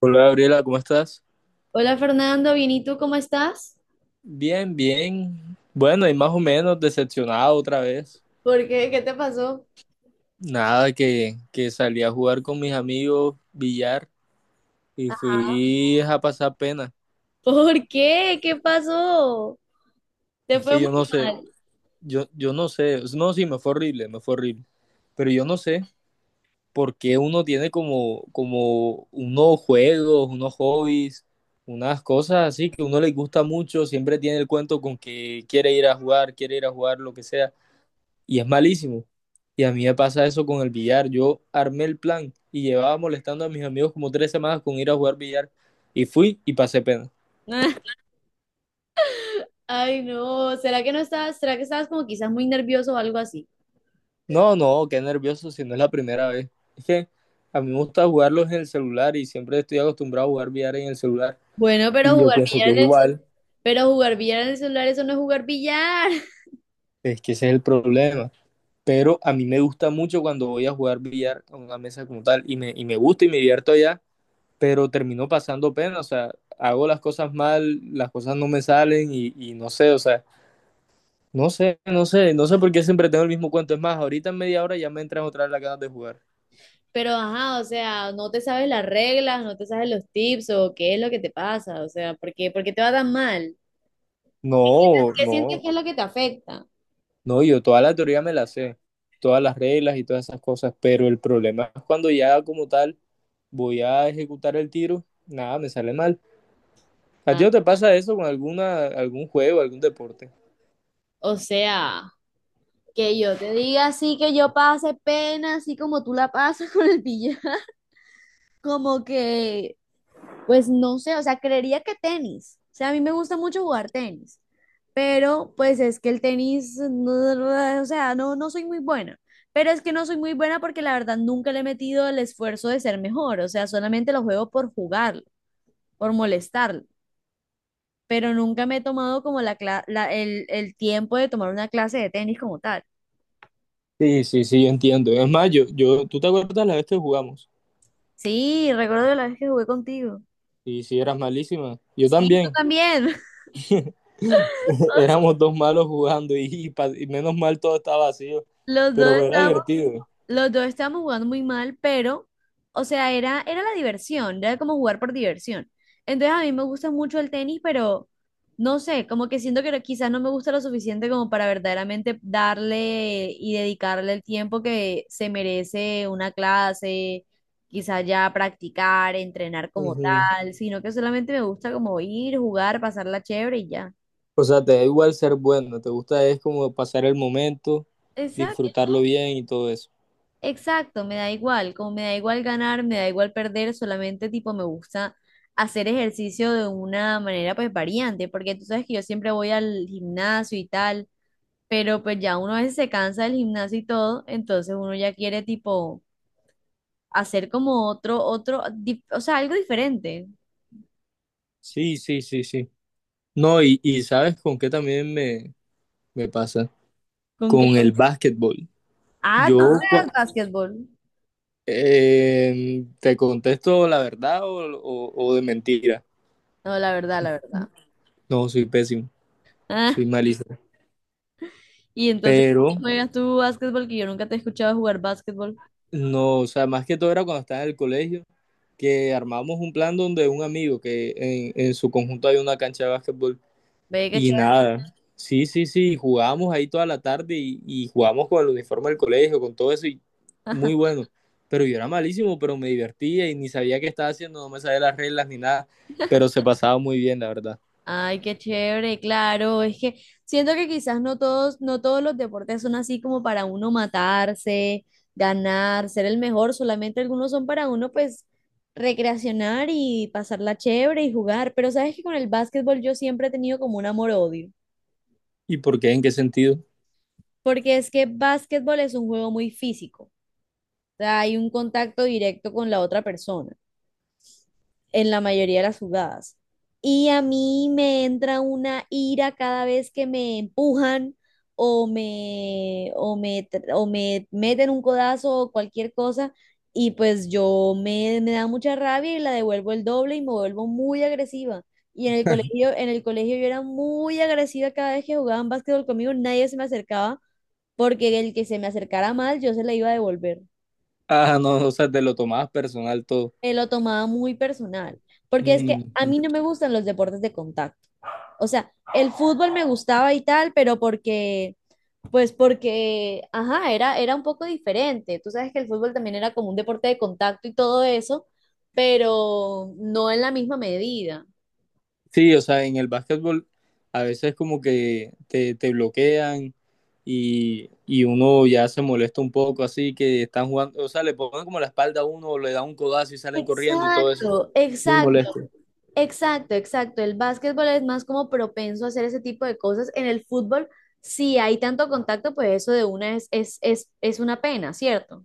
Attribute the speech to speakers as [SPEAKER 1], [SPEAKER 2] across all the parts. [SPEAKER 1] Hola Gabriela, ¿cómo estás?
[SPEAKER 2] Hola Fernando, bien, ¿y tú cómo estás?
[SPEAKER 1] Bien, bien. Bueno, y más o menos decepcionado otra vez.
[SPEAKER 2] ¿Por qué? ¿Qué te pasó?
[SPEAKER 1] Nada, que salí a jugar con mis amigos billar y fui a pasar pena.
[SPEAKER 2] ¿Por qué? ¿Qué pasó? Te
[SPEAKER 1] Es
[SPEAKER 2] fue
[SPEAKER 1] que yo
[SPEAKER 2] muy
[SPEAKER 1] no sé,
[SPEAKER 2] mal.
[SPEAKER 1] yo no sé, no, sí, me fue horrible, me fue horrible. Pero yo no sé por qué uno tiene como unos juegos, unos hobbies, unas cosas así que a uno le gusta mucho, siempre tiene el cuento con que quiere ir a jugar, quiere ir a jugar, lo que sea y es malísimo. Y a mí me pasa eso con el billar. Yo armé el plan y llevaba molestando a mis amigos como 3 semanas con ir a jugar billar. Y fui y pasé pena.
[SPEAKER 2] Ay, no, ¿será que no estabas, será que estabas como quizás muy nervioso o algo así?
[SPEAKER 1] No, no, qué nervioso si no es la primera vez. Es que a mí me gusta jugarlos en el celular y siempre estoy acostumbrado a jugar billar en el celular.
[SPEAKER 2] Bueno,
[SPEAKER 1] Y
[SPEAKER 2] pero
[SPEAKER 1] yo
[SPEAKER 2] jugar
[SPEAKER 1] pienso
[SPEAKER 2] billar
[SPEAKER 1] que es
[SPEAKER 2] en el,
[SPEAKER 1] igual.
[SPEAKER 2] pero jugar billar en el celular, eso no es jugar billar.
[SPEAKER 1] Es que ese es el problema. Pero a mí me gusta mucho cuando voy a jugar billar a una mesa como tal. Y me gusta y me divierto allá, pero terminó pasando pena. O sea, hago las cosas mal, las cosas no me salen no sé. O sea, no sé por qué siempre tengo el mismo cuento. Es más, ahorita en media hora ya me entran otra vez las ganas de jugar.
[SPEAKER 2] Pero ajá, o sea, no te sabes las reglas, no te sabes los tips o qué es lo que te pasa, o sea, ¿por qué te va tan mal?
[SPEAKER 1] No,
[SPEAKER 2] ¿Qué
[SPEAKER 1] no,
[SPEAKER 2] sientes que es lo que te afecta?
[SPEAKER 1] no, yo toda la teoría me la sé, todas las reglas y todas esas cosas, pero el problema es cuando ya como tal voy a ejecutar el tiro, nada, me sale mal. ¿A ti
[SPEAKER 2] Ah,
[SPEAKER 1] no te pasa eso con alguna, algún juego, algún deporte?
[SPEAKER 2] o sea, que yo te diga así que yo pase pena, así como tú la pasas con el billar. Como que, pues no sé, o sea, creería que tenis. O sea, a mí me gusta mucho jugar tenis, pero pues es que el tenis, o sea, no, no soy muy buena. Pero es que no soy muy buena porque la verdad nunca le he metido el esfuerzo de ser mejor. O sea, solamente lo juego por jugarlo, por molestarlo. Pero nunca me he tomado como la, cla- la- el tiempo de tomar una clase de tenis como tal.
[SPEAKER 1] Sí, sí, sí, yo entiendo. Es más, ¿tú te acuerdas la vez que jugamos?
[SPEAKER 2] Sí, recuerdo la vez que jugué contigo.
[SPEAKER 1] Y si eras malísima, yo
[SPEAKER 2] Sí, tú
[SPEAKER 1] también.
[SPEAKER 2] también.
[SPEAKER 1] Éramos dos malos jugando y menos mal todo estaba vacío,
[SPEAKER 2] Los dos
[SPEAKER 1] pero era
[SPEAKER 2] estábamos,
[SPEAKER 1] divertido.
[SPEAKER 2] los dos estábamos jugando muy mal, pero, o sea, era la diversión, era como jugar por diversión. Entonces a mí me gusta mucho el tenis, pero no sé, como que siento que no, quizás no me gusta lo suficiente como para verdaderamente darle y dedicarle el tiempo que se merece una clase, quizás ya practicar, entrenar como
[SPEAKER 1] Ujú.
[SPEAKER 2] tal, sino que solamente me gusta como ir, jugar, pasarla chévere y
[SPEAKER 1] O sea, te da igual ser bueno, te gusta es como pasar el momento,
[SPEAKER 2] ya.
[SPEAKER 1] disfrutarlo bien y todo eso.
[SPEAKER 2] Exacto, me da igual, como me da igual ganar, me da igual perder, solamente tipo me gusta hacer ejercicio de una manera pues variante, porque tú sabes que yo siempre voy al gimnasio y tal, pero pues ya uno a veces se cansa del gimnasio y todo, entonces uno ya quiere tipo hacer como o sea, algo diferente.
[SPEAKER 1] Sí, sí, sí, sí. No, ¿sabes con qué también me pasa?
[SPEAKER 2] Con que,
[SPEAKER 1] Con el básquetbol.
[SPEAKER 2] ah,
[SPEAKER 1] Yo
[SPEAKER 2] tú
[SPEAKER 1] Ah,
[SPEAKER 2] juegas
[SPEAKER 1] cua-
[SPEAKER 2] básquetbol.
[SPEAKER 1] te contesto la verdad o de mentira.
[SPEAKER 2] No, la verdad, la verdad.
[SPEAKER 1] No, soy pésimo,
[SPEAKER 2] Ah,
[SPEAKER 1] soy malísimo.
[SPEAKER 2] y entonces,
[SPEAKER 1] Pero
[SPEAKER 2] ¿cómo juegas tú básquetbol? Que yo nunca te he escuchado jugar básquetbol.
[SPEAKER 1] no, o sea, más que todo era cuando estaba en el colegio, que armamos un plan donde un amigo que en su conjunto hay una cancha de básquetbol
[SPEAKER 2] Ve, qué
[SPEAKER 1] y
[SPEAKER 2] chévere.
[SPEAKER 1] nada. Sí, sí, sí, jugábamos ahí toda la tarde y jugábamos con el uniforme del colegio, con todo eso y muy bueno. Pero yo era malísimo, pero me divertía y ni sabía qué estaba haciendo, no me sabía las reglas ni nada, pero se pasaba muy bien, la verdad.
[SPEAKER 2] Ay, qué chévere, claro. Es que siento que quizás no todos los deportes son así como para uno matarse, ganar, ser el mejor. Solamente algunos son para uno, pues, recreacionar y pasarla chévere y jugar. Pero sabes que con el básquetbol yo siempre he tenido como un amor-odio,
[SPEAKER 1] ¿Y por qué? ¿En qué sentido?
[SPEAKER 2] porque es que básquetbol es un juego muy físico. O sea, hay un contacto directo con la otra persona en la mayoría de las jugadas. Y a mí me entra una ira cada vez que me empujan o me meten un codazo o cualquier cosa. Y pues me da mucha rabia y la devuelvo el doble y me vuelvo muy agresiva. Y en el colegio yo era muy agresiva cada vez que jugaban básquetbol conmigo, nadie se me acercaba porque el que se me acercara mal yo se la iba a devolver.
[SPEAKER 1] Ah, no, o sea, te lo tomabas personal todo.
[SPEAKER 2] Me lo tomaba muy personal, porque es que a
[SPEAKER 1] Mm.
[SPEAKER 2] mí no me gustan los deportes de contacto. O sea, el fútbol me gustaba y tal, pero porque, pues porque, ajá, era un poco diferente. Tú sabes que el fútbol también era como un deporte de contacto y todo eso, pero no en la misma medida.
[SPEAKER 1] Sí, o sea, en el básquetbol a veces como que te bloquean y uno ya se molesta un poco, así que están jugando. O sea, le ponen como la espalda a uno, le da un codazo y salen corriendo y todo eso.
[SPEAKER 2] Exacto,
[SPEAKER 1] Muy
[SPEAKER 2] exacto,
[SPEAKER 1] molesto.
[SPEAKER 2] exacto, exacto. El básquetbol es más como propenso a hacer ese tipo de cosas. En el fútbol, si hay tanto contacto, pues eso de una es una pena, ¿cierto?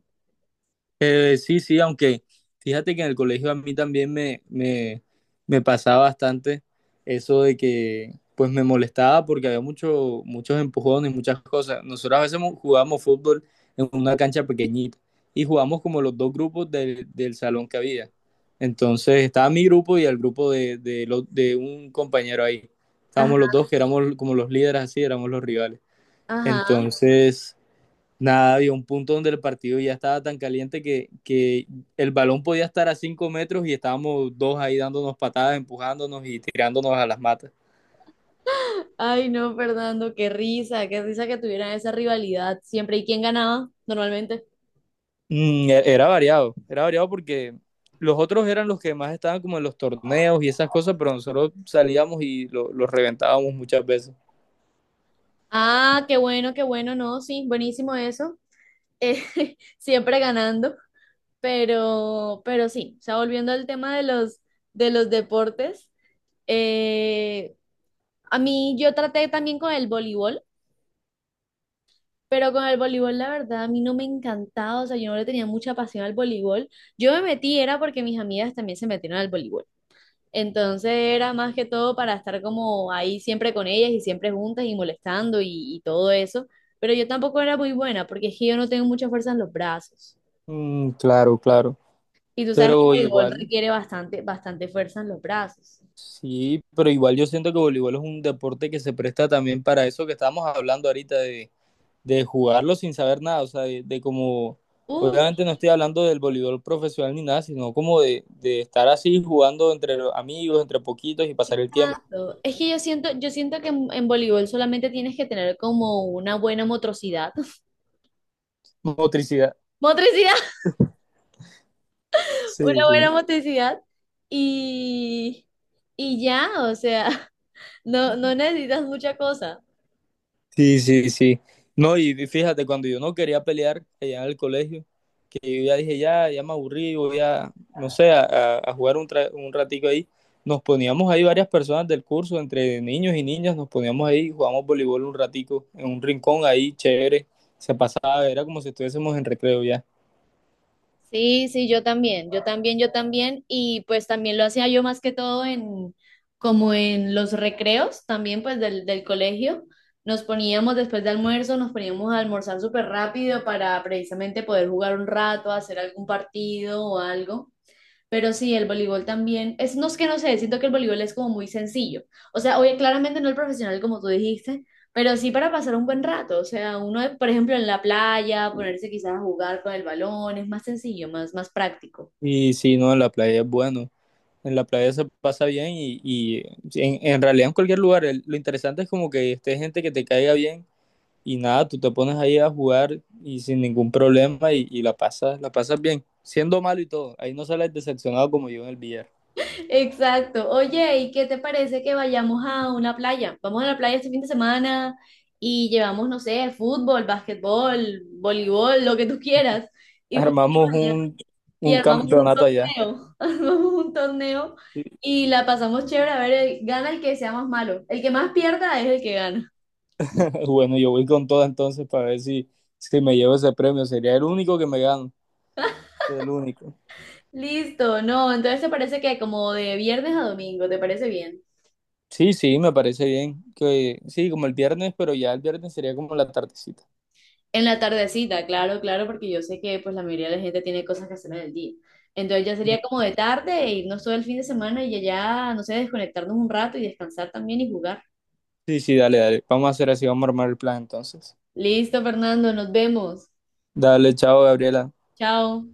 [SPEAKER 1] Sí, sí, aunque fíjate que en el colegio a mí también me pasaba bastante eso de que pues me molestaba porque había muchos empujones, muchas cosas. Nosotros a veces jugábamos fútbol en una cancha pequeñita y jugábamos como los dos grupos del salón que había. Entonces estaba mi grupo y el grupo de un compañero ahí. Estábamos los dos que éramos como los líderes así, éramos los rivales.
[SPEAKER 2] Ajá.
[SPEAKER 1] Entonces, nada, había un punto donde el partido ya estaba tan caliente que el balón podía estar a 5 metros y estábamos dos ahí dándonos patadas, empujándonos y tirándonos a las matas.
[SPEAKER 2] Ay, no, Fernando, qué risa que tuvieran esa rivalidad siempre. ¿Y quién ganaba normalmente?
[SPEAKER 1] Mm, era variado porque los otros eran los que más estaban como en los torneos y esas cosas, pero nosotros salíamos y los reventábamos muchas veces.
[SPEAKER 2] Ah, qué bueno, no, sí, buenísimo eso. Eh, siempre ganando, pero sí, o sea, volviendo al tema de los deportes, eh, a mí yo traté también con el voleibol, pero con el voleibol la verdad a mí no me encantaba, o sea, yo no le tenía mucha pasión al voleibol. Yo me metí era porque mis amigas también se metieron al voleibol. Entonces era más que todo para estar como ahí siempre con ellas y siempre juntas y molestando y todo eso. Pero yo tampoco era muy buena porque es que yo no tengo mucha fuerza en los brazos.
[SPEAKER 1] Mm, claro, claro.
[SPEAKER 2] Y tú sabes que el
[SPEAKER 1] Pero
[SPEAKER 2] voleibol
[SPEAKER 1] igual,
[SPEAKER 2] requiere bastante, bastante fuerza en los brazos.
[SPEAKER 1] sí, pero igual yo siento que voleibol es un deporte que se presta también para eso que estamos hablando ahorita de jugarlo sin saber nada. O sea, de como,
[SPEAKER 2] Uh,
[SPEAKER 1] obviamente no estoy hablando del voleibol profesional ni nada, sino como de estar así jugando entre amigos, entre poquitos y pasar el tiempo.
[SPEAKER 2] tanto. Es que yo siento que en voleibol solamente tienes que tener como una buena motricidad.
[SPEAKER 1] Motricidad.
[SPEAKER 2] Motricidad,
[SPEAKER 1] Sí,
[SPEAKER 2] una
[SPEAKER 1] sí.
[SPEAKER 2] buena motricidad. Y, y ya, o sea, no, no necesitas mucha cosa.
[SPEAKER 1] Sí, sí, sí. No, y fíjate, cuando yo no quería pelear allá en el colegio, que yo ya dije, ya, ya me aburrí, voy a, no sé, a jugar un ratico ahí. Nos poníamos ahí varias personas del curso, entre niños y niñas, nos poníamos ahí, jugamos voleibol un ratico, en un rincón ahí, chévere, se pasaba, era como si estuviésemos en recreo ya.
[SPEAKER 2] Sí, sí, yo también, y pues también lo hacía yo más que todo en, como en los recreos también pues del colegio, nos poníamos después de almuerzo, nos poníamos a almorzar súper rápido para precisamente poder jugar un rato, hacer algún partido o algo. Pero sí, el voleibol también, es, no es que no sé, siento que el voleibol es como muy sencillo. O sea, oye, claramente no el profesional como tú dijiste, pero sí para pasar un buen rato. O sea, uno, por ejemplo, en la playa, ponerse quizás a jugar con el balón, es más sencillo, más, más práctico.
[SPEAKER 1] Y sí, no, en la playa es bueno, en la playa se pasa bien y en realidad en cualquier lugar, lo interesante es como que esté gente que te caiga bien y nada, tú te pones ahí a jugar y sin ningún problema y la pasas bien, siendo malo y todo. Ahí no sales decepcionado como yo en el billar.
[SPEAKER 2] Exacto. Oye, ¿y qué te parece que vayamos a una playa? Vamos a la playa este fin de semana y llevamos, no sé, fútbol, básquetbol, voleibol, lo que tú quieras. Y jugamos
[SPEAKER 1] Armamos
[SPEAKER 2] allá.
[SPEAKER 1] un,
[SPEAKER 2] Y
[SPEAKER 1] un
[SPEAKER 2] armamos un
[SPEAKER 1] campeonato allá.
[SPEAKER 2] torneo, armamos un torneo y la pasamos chévere, a ver, el- gana el que sea más malo, el que más pierda es el que gana.
[SPEAKER 1] Bueno, yo voy con todo entonces para ver si, si me llevo ese premio. Sería el único que me gano, el único.
[SPEAKER 2] Listo, no, entonces te parece que como de viernes a domingo, ¿te parece bien?
[SPEAKER 1] Sí, sí, me parece bien. Que, sí, como el viernes, pero ya el viernes sería como la tardecita.
[SPEAKER 2] En la tardecita, claro, claro, porque yo sé que pues la mayoría de la gente tiene cosas que hacer en el día. Entonces ya sería como de tarde e irnos todo el fin de semana y allá, no sé, desconectarnos un rato y descansar también y jugar.
[SPEAKER 1] Sí, sí, dale, dale. Vamos a hacer así, vamos a armar el plan entonces.
[SPEAKER 2] Listo, Fernando, nos vemos.
[SPEAKER 1] Dale, chao, Gabriela.
[SPEAKER 2] Chao.